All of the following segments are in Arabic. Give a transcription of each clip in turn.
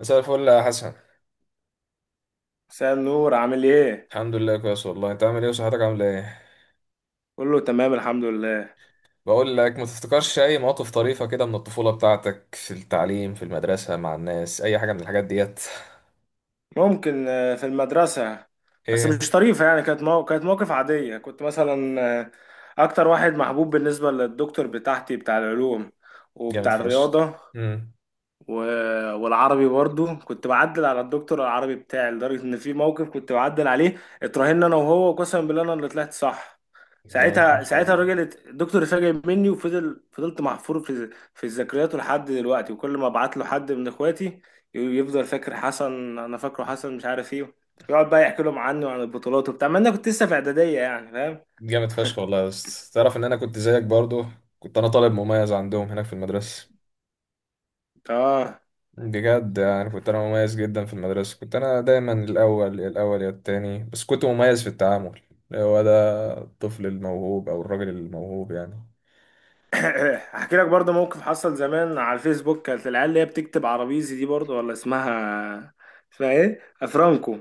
مساء الفل يا حسن. مساء النور، عامل ايه؟ الحمد لله كويس والله. انت عامل ايه وصحتك عامله ايه؟ كله تمام الحمد لله. بقول لك، ما تفتكرش اي مواقف طريفه كده من الطفوله بتاعتك في التعليم في المدرسه مع الناس، اي حاجه من الحاجات ديت؟ ممكن، في المدرسة، بس ايه؟ مش طريفة. يعني كانت كانت موقف عادية. كنت مثلا أكتر واحد محبوب بالنسبة للدكتور بتاعتي، بتاع العلوم جامد وبتاع فشخ. الرياضة امم و... والعربي برضو. كنت بعدل على الدكتور العربي بتاعي، لدرجة ان في موقف كنت بعدل عليه. اتراهنا انا وهو، وقسما بالله انا اللي طلعت صح. جامد ساعتها فشخ ساعتها والله. الراجل الدكتور اتفاجئ مني، وفضل فضلت محفور في ذكرياته لحد دلوقتي. وكل ما ابعت له حد من اخواتي يفضل فاكر حسن، انا فاكره حسن مش عارف ايه. يقعد بقى يحكي لهم عني وعن البطولات وبتاع، ما انا كنت لسه في اعدادية، يعني فاهم. جامد فشخ والله يا اسطى، تعرف ان انا كنت زيك برضو. كنت انا طالب مميز عندهم هناك في المدرسه، اه. بجد يعني. كنت انا مميز جدا في المدرسه، كنت انا دايما الاول، الاول يا التاني، بس كنت مميز في التعامل. هو ده الطفل الموهوب او الراجل الموهوب يعني. هحكي لك برضه موقف حصل زمان على الفيسبوك. كانت العيال اللي هي بتكتب عربيزي دي، برضه ولا اسمها؟ اسمها ايه؟ افرانكو.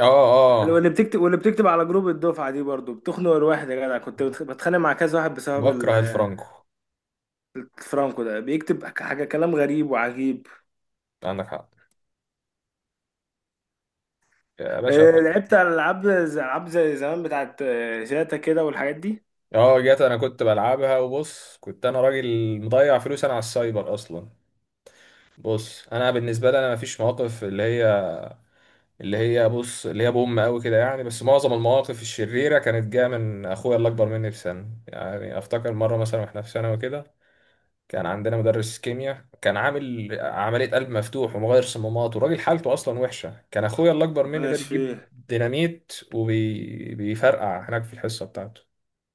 اه. اه، واللي بتكتب على جروب الدفعه دي برضه بتخنق الواحد يا جدع. كنت بتخانق مع كذا واحد بسبب بكره الفرانكو. الفرانكو. ده بيكتب حاجه، كلام غريب وعجيب. عندك حق يا باشا. لعبت على العاب، زي العاب زي زمان بتاعت شاتا كده والحاجات دي. اه جت. كنت بلعبها وبص، كنت انا راجل مضيع فلوس انا على السايبر اصلا. بص، انا بالنسبه لي انا مفيش مواقف اللي هي، اللي هي، بص، اللي هي بوم قوي كده يعني. بس معظم المواقف الشريره كانت جايه من اخويا اللي اكبر مني بسنه. يعني افتكر مره مثلا واحنا في ثانوي كده، كان عندنا مدرس كيمياء كان عامل عملية قلب مفتوح ومغير صمامات، وراجل حالته أصلا وحشة. كان أخويا اللي أكبر مني ربنا ده بيجيب يشفيه. ديناميت وبيفرقع هناك في الحصة بتاعته.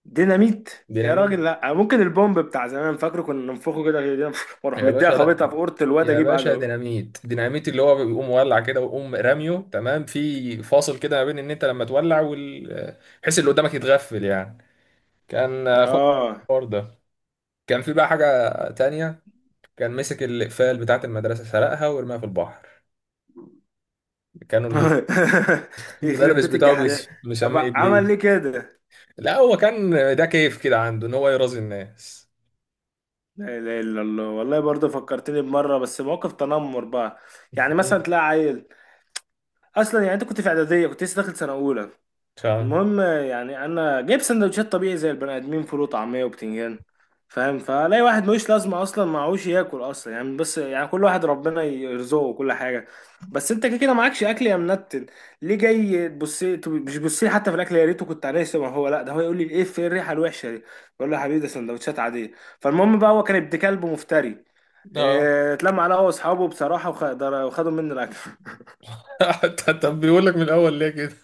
ديناميت يا ديناميت راجل؟ لا، ممكن البومب بتاع زمان، فاكره كنا ننفخه كده كده، واروح يا مديها باشا، خابطها لا. في اورة الواد يا اجيب باشا، عجله. ديناميت، ديناميت اللي هو بيقوم مولع كده ويقوم راميه، تمام، في فاصل كده ما بين ان انت لما تولع وال، بحيث اللي قدامك يتغفل يعني. كان اخويا اه. الحوار ده. كان في بقى حاجة تانية، كان مسك الإقفال بتاعة المدرسة، سرقها ورماها في البحر. كانوا يخرب المدرس بيت بتاعه الجحدان. مش طب مسميه عمل ابليس. ليه كده؟ لا هو كان، ده كيف كده عنده ان هو يرازي الناس. لا اله الا الله. والله برضه فكرتني بمره، بس مواقف تنمر بقى. يعني مم. مثلا تلاقي عيل، اصلا يعني انت كنت في اعداديه، كنت لسه داخل سنه اولى. مش عارف. المهم، يعني انا جايب سندوتشات طبيعي زي البني ادمين، فول وطعميه وبتنجان فاهم. فلاقي واحد ملوش لازمه اصلا، معهوش ياكل اصلا يعني. بس يعني كل واحد ربنا يرزقه وكل حاجه، بس انت كده كده معكش اكل يا منتن. ليه جاي تبص؟ مش بص لي حتى في الاكل، يا ريته كنت عليه، ما هو لا، ده هو يقول لي ايه في الريحه الوحشه دي؟ بقول له يا حبيبي، ده سندوتشات عاديه. فالمهم بقى، هو كان ابن كلب مفتري. اه. اتلم على هو واصحابه بصراحه، وخدوا مني الاكل. طب بيقول لك من الاول ليه كده؟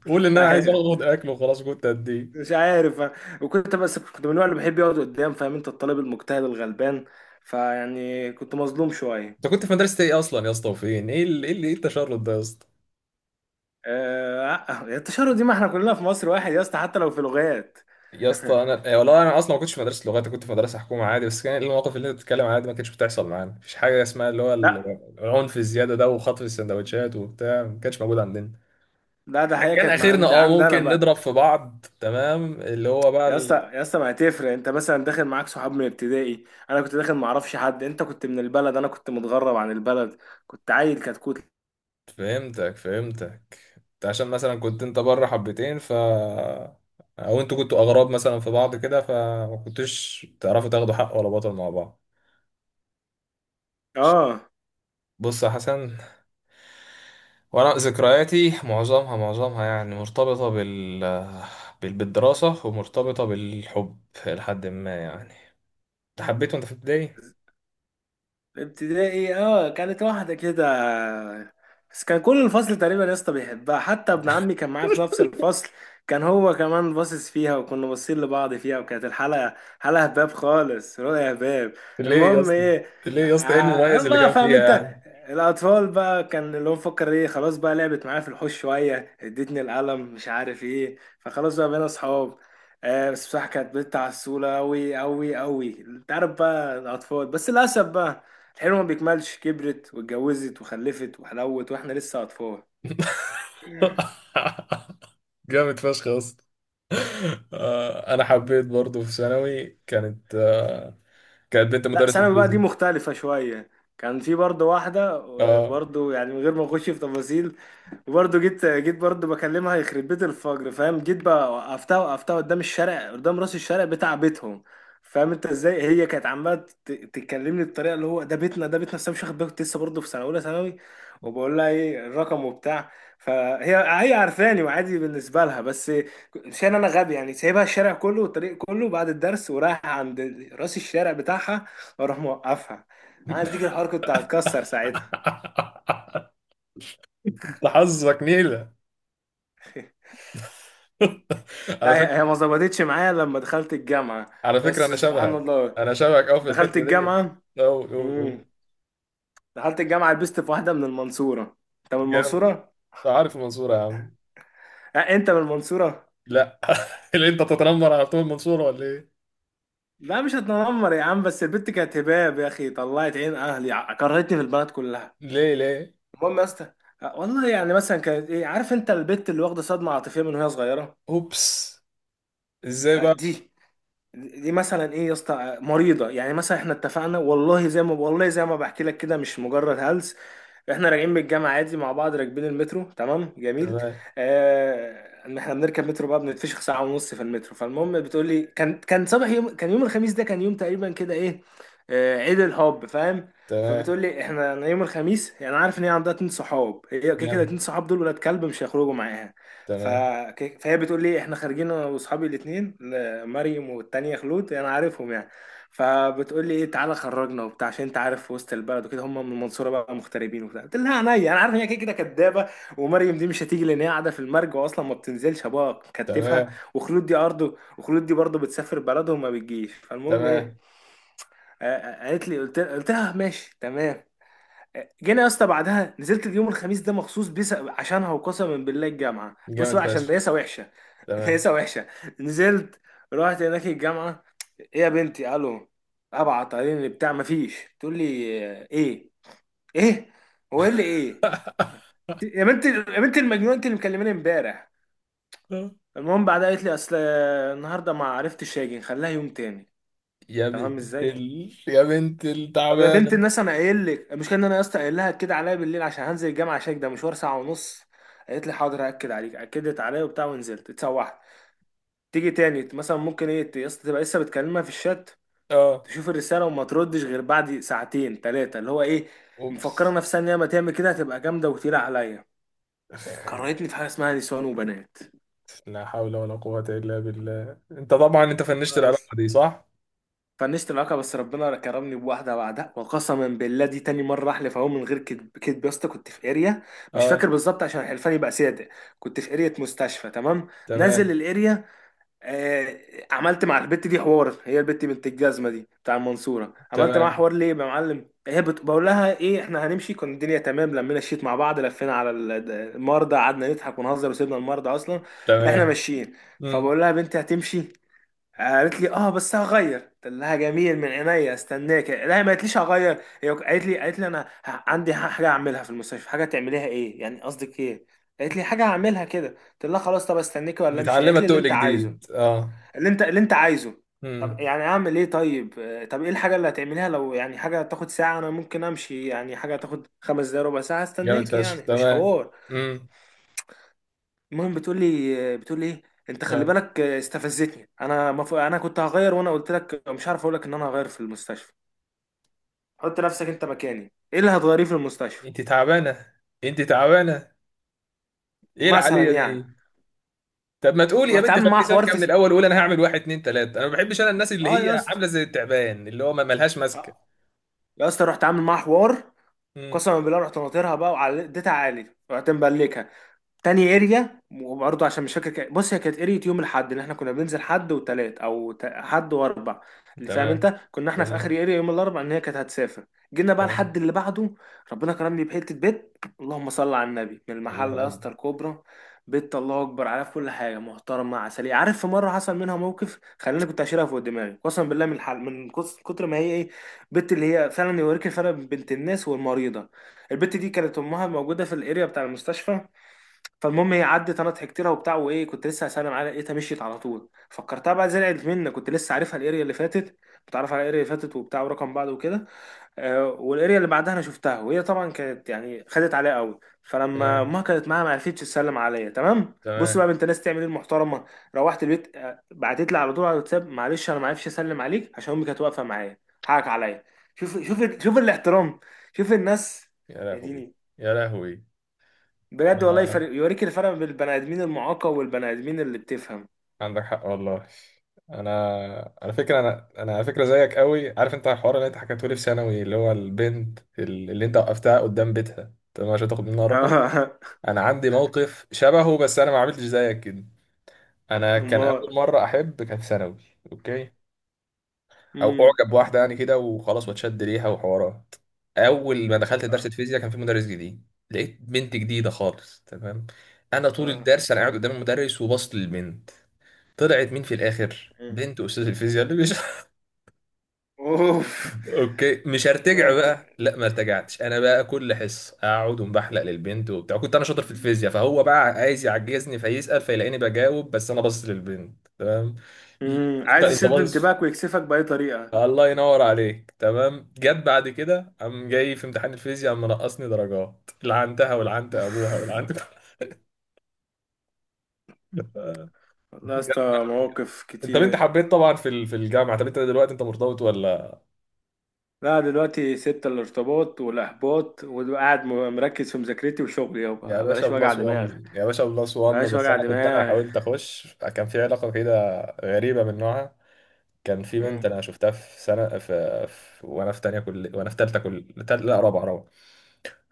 قول مش ان انا عايز عارف، اخد اكل وخلاص، كنت اديه. مش عارف. وكنت بس كنت من النوع اللي بحب يقعد قدام، فاهم انت؟ الطالب المجتهد الغلبان، فيعني كنت مظلوم شويه. انت كنت في مدرسه ايه اصلا يا اسطى؟ وفين؟ ايه التشرد ده يا اسطى؟ آه التشرد دي، ما احنا كلنا في مصر واحد يا اسطى، حتى لو في لغات. يا اسطى انا إيه والله، انا اصلا ما كنتش في مدرسه لغات، أنا كنت في مدرسه حكومه عادي. بس كان المواقف اللي انت بتتكلم عليها دي ما كانتش بتحصل معانا، مفيش حاجه اسمها اللي هو لا. ال، العنف الزياده ده وخطف السندوتشات وبتاع، ما كانش موجود عندنا. لا ده حقيقه، كان كانت مع اخرنا عند اه عند انا ممكن بقى. نضرب في بعض، تمام، اللي هو بقى يا اسطى ال... يا اسطى ما هتفرق، انت مثلا داخل معاك صحاب من ابتدائي، انا كنت داخل ما اعرفش حد. انت كنت من البلد، انا كنت متغرب عن البلد، كنت عيل كتكوت. فهمتك، فهمتك. انت عشان مثلا كنت انت بره حبتين، ف او انتوا كنتوا اغراب مثلا في بعض كده، فما كنتوش تعرفوا تاخدوا حق ولا بطل مع بعض. اه. بص يا حسن، وانا ذكرياتي معظمها يعني مرتبطة بال... بال... بالدراسة ومرتبطة بالحب، لحد ما يعني. انت حبيته انت في ابتدائي؟ ابتدائي اه، كانت واحدة كده. بس كان كل الفصل تقريبا يا اسطى بيحبها، حتى ابن عمي كان معايا في نفس الفصل، كان هو كمان باصص فيها، وكنا باصين لبعض فيها. وكانت الحلقة حلقة هباب خالص، رؤيا هباب. ليه يا المهم اسطى؟ ايه. ليه يا اسطى، ايه المميز اللي بقى كان فاهم فيها انت يعني؟ الاطفال بقى، كان اللي هو مفكر ايه. خلاص بقى، لعبت معايا في الحوش شوية، ادتني القلم، مش عارف ايه، فخلاص بقى بقينا اصحاب. آه بس بصراحة كانت بنت عسولة أوي أوي أوي، أنت عارف بقى الأطفال. بس للأسف بقى الحلو ما بيكملش، كبرت واتجوزت وخلفت وحلوت، واحنا لسه اطفال. جامد فشخ يا اسطى. آه، انا حبيت برضو في ثانوي، كانت آه، كانت بنت لا، مدرس ثانوي بقى دي انجليزي. مختلفة شوية. كان في برضه واحدة، اه. برضه يعني من غير ما اخش في تفاصيل. وبرضه جيت برضه بكلمها، يخرب بيت الفجر فاهم. جيت بقى وقفتها قدام الشارع، قدام راس الشارع بتاع بيتهم. فاهم انت ازاي هي كانت عماله تتكلمني بالطريقه اللي هو ده بيتنا ده بيتنا، بس أنا مش واخد بالي، كنت لسه برضه في سنه اولى ثانوي. وبقول لها ايه الرقم وبتاع. فهي، هي عارفاني وعادي بالنسبه لها، بس مش انا، انا غبي يعني، سايبها الشارع كله والطريق كله بعد الدرس، ورايح عند راس الشارع بتاعها، واروح موقفها. عندي الحركه، كنت هتكسر ساعتها. انت حظك نيله، لا، على هي هي ما فكره. ظبطتش معايا لما دخلت الجامعة. على فكره، بس انا سبحان شبهك الله، انا شبهك قوي في دخلت الحته دي، الجامعة. قوي قوي قوي. امم. دخلت الجامعة لبست في واحدة من المنصورة. انت من جامد. المنصورة؟ انت عارف المنصوره يا عم؟ أه انت من المنصورة؟ لا اللي انت تتنمر على طول المنصوره ولا ايه؟ لا مش هتنمر يا عم، بس البت كانت هباب يا اخي، طلعت عين اهلي، كرهتني في البلد كلها. ليه؟ ليه؟ المهم يا اسطى، أه، والله يعني مثلا كانت ايه، عارف انت البت اللي واخدة صدمة عاطفية من وهي صغيرة؟ اوبس، ازاي أه، بقى؟ دي مثلا ايه يا اسطى، مريضه. يعني مثلا احنا اتفقنا، والله زي ما، والله زي ما بحكي لك كده، مش مجرد هلس. احنا راجعين من الجامعه عادي مع بعض، راكبين المترو، تمام جميل. تمام. اه احنا بنركب مترو بقى، بنتفشخ ساعه ونص في المترو. فالمهم بتقول لي كان صباح يوم، كان يوم الخميس، ده كان يوم تقريبا كده ايه، اه عيد الحب فاهم. تمام. فبتقول لي احنا، أنا يوم الخميس يعني عارف ان هي عندها اتنين صحاب، هي كده كده جامد. اتنين صحاب، دول ولاد كلب مش هيخرجوا معاها. ف... تمام. فهي بتقول لي احنا خارجين انا واصحابي الاثنين، مريم والتانية خلود، انا عارفهم يعني. فبتقول لي ايه تعالى خرجنا وبتاع عشان انت عارف في وسط البلد وكده، هم من المنصوره بقى مغتربين وبتاع. قلت لها عينيا، انا عارف ان هي كده كده كدابه، ومريم دي مش هتيجي لان هي قاعده في المرج، واصلا ما بتنزلش ابوها كتفها، تمام. وخلود دي ارضه، وخلود دي برضه بتسافر بلدهم ما بتجيش. فالمهم تمام. ايه، قالت لي، قلت لها ماشي تمام. جينا يا اسطى بعدها، نزلت اليوم الخميس ده مخصوص بيس عشانها، وقسما بالله الجامعه بص جامد بقى عشان فشخ. دايسه وحشه. تمام. دايسه وحشه. نزلت، رحت هناك الجامعه، ايه يا بنتي الو، ابعت علينا بتاع مفيش. تقول لي آه، ايه ايه هو ايه اللي ايه، يا بنتي يا بنتي المجنونه، انت اللي مكلماني امبارح. المهم بعدها قالت لي اصل النهارده ما عرفتش اجي، نخليها يوم تاني. يا تمام بنت ازاي؟ ال... يا بنت طب يا بنت التعبانة. الناس، انا قايل لك المشكله، ان انا يا اسطى قايل لها كده عليا بالليل، عشان هنزل الجامعه، عشان ده مشوار ساعه ونص. قالت لي حاضر هاكد عليك، اكدت عليا وبتاع، ونزلت اتسوحت. تيجي تاني مثلا ممكن ايه يا اسطى، تبقى لسه بتكلمها في الشات، اه. تشوف الرسالة وما تردش غير بعد ساعتين تلاتة، اللي هو ايه، مفكرة اوبس. نفسها ان هي ما تعمل كده هتبقى جامدة وتقيلة عليا. كرهتني في حاجة اسمها نسوان وبنات. لا حول ولا قوة إلا بالله. انت طبعا انت فنشت بس. العلاقة دي، صح؟ فنشت العلاقة، بس ربنا كرمني بواحدة بعدها. وقسما بالله دي تاني مرة أحلف، أهو من غير كدب، كدب يا اسطى. كنت في اريا، مش اه. فاكر بالظبط عشان الحلفان يبقى صادق. كنت في اريا مستشفى تمام، نازل تمام. الاريا. آه، عملت مع البت دي حوار، هي البت بنت الجزمه دي بتاع المنصوره. عملت معاها تمام. حوار ليه يا معلم؟ هي بقول لها ايه احنا هنمشي، كان الدنيا تمام، لمينا الشيت مع بعض، لفينا على المرضى، قعدنا نضحك ونهزر، وسيبنا المرضى اصلا. احنا تمام. ماشيين. امم. فبقول لها بنتي هتمشي، قالت لي اه بس هغير. قلت لها جميل من عينيا استناك. لا ما قالتليش هغير، هي قالت لي، انا عندي حاجه اعملها في المستشفى. حاجه تعمليها ايه يعني؟ قصدك ايه؟ قالت لي حاجه هعملها كده. قلت لها خلاص طب، استناكي ولا امشي؟ متعلمة قالت لي اللي تقل انت عايزه، جديد، اه. اللي انت عايزه. طب امم. يعني اعمل ايه طيب، طب ايه الحاجه اللي هتعمليها؟ لو يعني حاجه تاخد ساعه انا ممكن امشي، يعني حاجه تاخد 5 دقايق ربع ساعه جامد استناك، فشخ. يعني مش تمام. حوار. امم. المهم بتقول لي ايه انت خلي اه. بالك، استفزتني انا. انا كنت هغير وانا قلت لك، مش عارف اقول لك ان انا هغير في المستشفى. حط نفسك انت مكاني، ايه اللي هتغيريه في المستشفى؟ انت تعبانة، انت تعبانة. ايه مثلا العالية يعني. دي؟ طب ما تقول يا رحت بنت عامل معاها خليكي حوار سالكة في من الأول، وقول أنا هعمل واحد اتنين تلاتة. أنا ما بحبش أنا الناس اللي اه يا هي اسطى، عاملة زي التعبان اللي هو ما ملهاش ماسكة. آه، يا اسطى رحت عامل معاها حوار، قسما بالله. رحت ناطرها بقى، وعلى اديتها عالي، رحت مبلكها تاني اريا. وبرضه عشان مش فاكر، بص، هي كانت اريا يوم الاحد اللي احنا كنا بننزل، حد وتلات او حد واربع. اللي فاهم تمام. انت كنا احنا في اخر تمام. اريا يوم الاربع، ان هي كانت هتسافر. جينا بقى الحد تمام. اللي بعده، ربنا كرمني بحته بيت، اللهم صل على النبي، من المحل الله يا أكبر. اسطى، الكوبرا. بيت الله اكبر عليها، في كل حاجه محترمه عسليه. عارف، في مره حصل منها موقف خلاني كنت هشيلها فوق دماغي قسما بالله من الحل، من كتر ما هي ايه، بنت اللي هي فعلا يوريك الفرق بين بنت الناس والمريضه. البت دي كانت امها موجوده في الاريا بتاع المستشفى. فالمهم، هي عدت، انا ضحكت لها وبتاع وايه، كنت لسه هسلم عليها لقيتها مشيت على طول. فكرتها بقى زعلت مني، كنت لسه عارفها الاريا اللي فاتت، بتعرف على الاريا اللي فاتت وبتاع ورقم بعض وكده. آه والاريا اللي بعدها انا شفتها وهي طبعا كانت يعني خدت عليا قوي. فلما تمام. امها كانت معاها ما عرفتش تسلم عليا، تمام؟ بص تمام. بقى بنت ناس تعمل ايه المحترمه. روحت البيت، بعتت لي على طول على الواتساب، معلش انا ما عرفش اسلم عليك عشان امي كانت واقفه معايا، حقك عليا. شوف شوف شوف الاحترام، شوف الناس. يا يا لهوي. ديني. يا لهوي. بجد والله أنا، يفرق، يوريك الفرق بين البني ادمين المعاقة والبني ادمين اللي بتفهم. عندك حق والله. أنا، على فكرة أنا، على فكرة زيك قوي. عارف أنت الحوار اللي أنت حكيته لي في ثانوي، اللي هو البنت اللي أنت وقفتها قدام بيتها، تمام، عشان تاخد منها رقم؟ اه. أنا عندي موقف شبهه، بس أنا ما عملتش زيك كده. أنا كان امال. أول مرة أحب كانت في ثانوي. أوكي. او امم. اعجب بواحده يعني كده وخلاص واتشد ليها وحوارات. اول ما دخلت درس اه. فيزياء، كان في مدرس جديد. لقيت بنت جديده خالص، تمام. انا طول آه. الدرس انا قاعد قدام المدرس وبصت للبنت. طلعت مين في الاخر؟ مم. بنت استاذ الفيزياء اللي مش اوف. اوكي مش ما هرتجع انت بقى. لا، ما ارتجعتش انا بقى، كل حصه اقعد ومبحلق للبنت وبتاع. كنت انا شاطر في الفيزياء، فهو بقى عايز يعجزني، فيسال فيلاقيني بجاوب، بس انا باصص للبنت، تمام. ي- انت عايز انت يشد باصص. انتباهك ويكسفك بأي طريقة. الله ينور عليك، تمام. جت بعد كده، قام جاي في امتحان الفيزياء قام منقصني درجات، لعنتها ولعنت ابوها ولعنت والله يا جت اسطى بعد كده. مواقف انت كتير. حبيت طبعا في في الجامعه. طب انت دلوقتي انت مرتبط ولا؟ لا دلوقتي سبت الارتباط والإحباط، وقاعد مركز في مذاكرتي وشغلي، يا يابا باشا بلاش وجع بلس دماغ. 1، يا باشا بلس 1. بلاش بس وجع انا كنت انا دماغ. حاولت اخش، كان في علاقه كده غريبه من نوعها. كان في بنت مم. انا شفتها في سنه في, في وانا في تانية، كل وانا في تالتة، كل تال... لا رابعه، رابعه.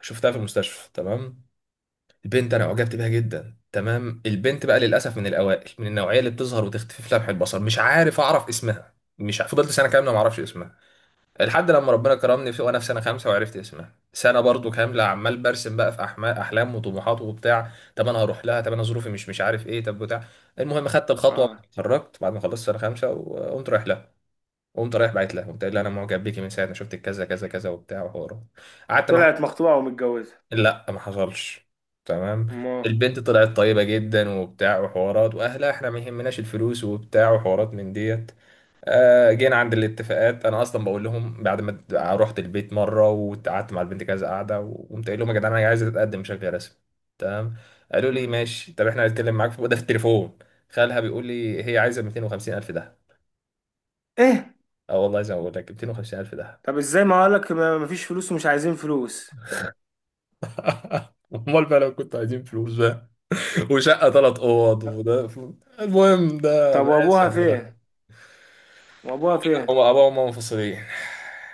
شفتها في المستشفى، تمام. البنت انا اعجبت بيها جدا، تمام. البنت بقى للاسف من الاوائل من النوعيه اللي بتظهر وتختفي في لمح البصر، مش عارف اعرف اسمها. مش ع- فضلت سنه كامله ما اعرفش اسمها، لحد لما ربنا كرمني في وانا في سنه خمسه وعرفت اسمها. سنه برضو كامله عمال برسم بقى في احلام وطموحات وبتاع. طب انا هروح لها؟ طب انا ظروفي مش، مش عارف ايه، طب بتاع. المهم خدت الخطوه، اه. اتخرجت بعد ما خلصت سنه خمسه وقمت رايح لها. قمت رايح، بعت لها قمت قايل لها انا معجب بيكي من ساعه ما شفتك كذا كذا كذا وبتاع وحوارات. قعدت مع، طلعت مخطوبة ومتجوزة. لا ما حصلش، تمام. ما. البنت طلعت طيبة جدا وبتاع وحوارات، واهلها احنا ما يهمناش الفلوس وبتاع وحوارات من ديت. آه، جينا عند الاتفاقات. انا اصلا بقول لهم بعد ما رحت البيت مرة وقعدت مع البنت كذا قعدة، وقمت قايل لهم يا جدعان انا عايز اتقدم بشكل رسمي، تمام. قالوا لي مم. ماشي، طب احنا هنتكلم معاك في وده في التليفون. خالها بيقول لي هي عايزة 250 الف ده. ايه. اه والله زي ما بقول لك، 250 الف ده. طب ازاي، ما اقولك مفيش فلوس ومش عايزين فلوس. امال بقى لو كنت عايزين فلوس، وشقه ثلاث اوض وده. المهم ده طب بلاش وابوها فين، يعني. وابوها فين. هم ابوه وامه منفصلين.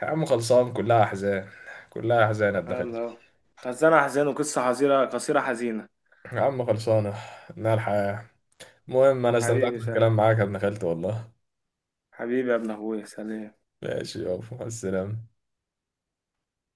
يا عم خلصان، كلها احزان. كلها احزان يا ابن خالتي. يلا. خزانة حزينة وقصة حزينة قصيرة حزينة. يا عم خلصانه. انها الحياه. المهم، انا استمتعت حبيبي سهل. بالكلام معاك يا ابن خالتي والله. حبيبي يا ابن اخويا، سلام. ماشي يابا، مع السلامه.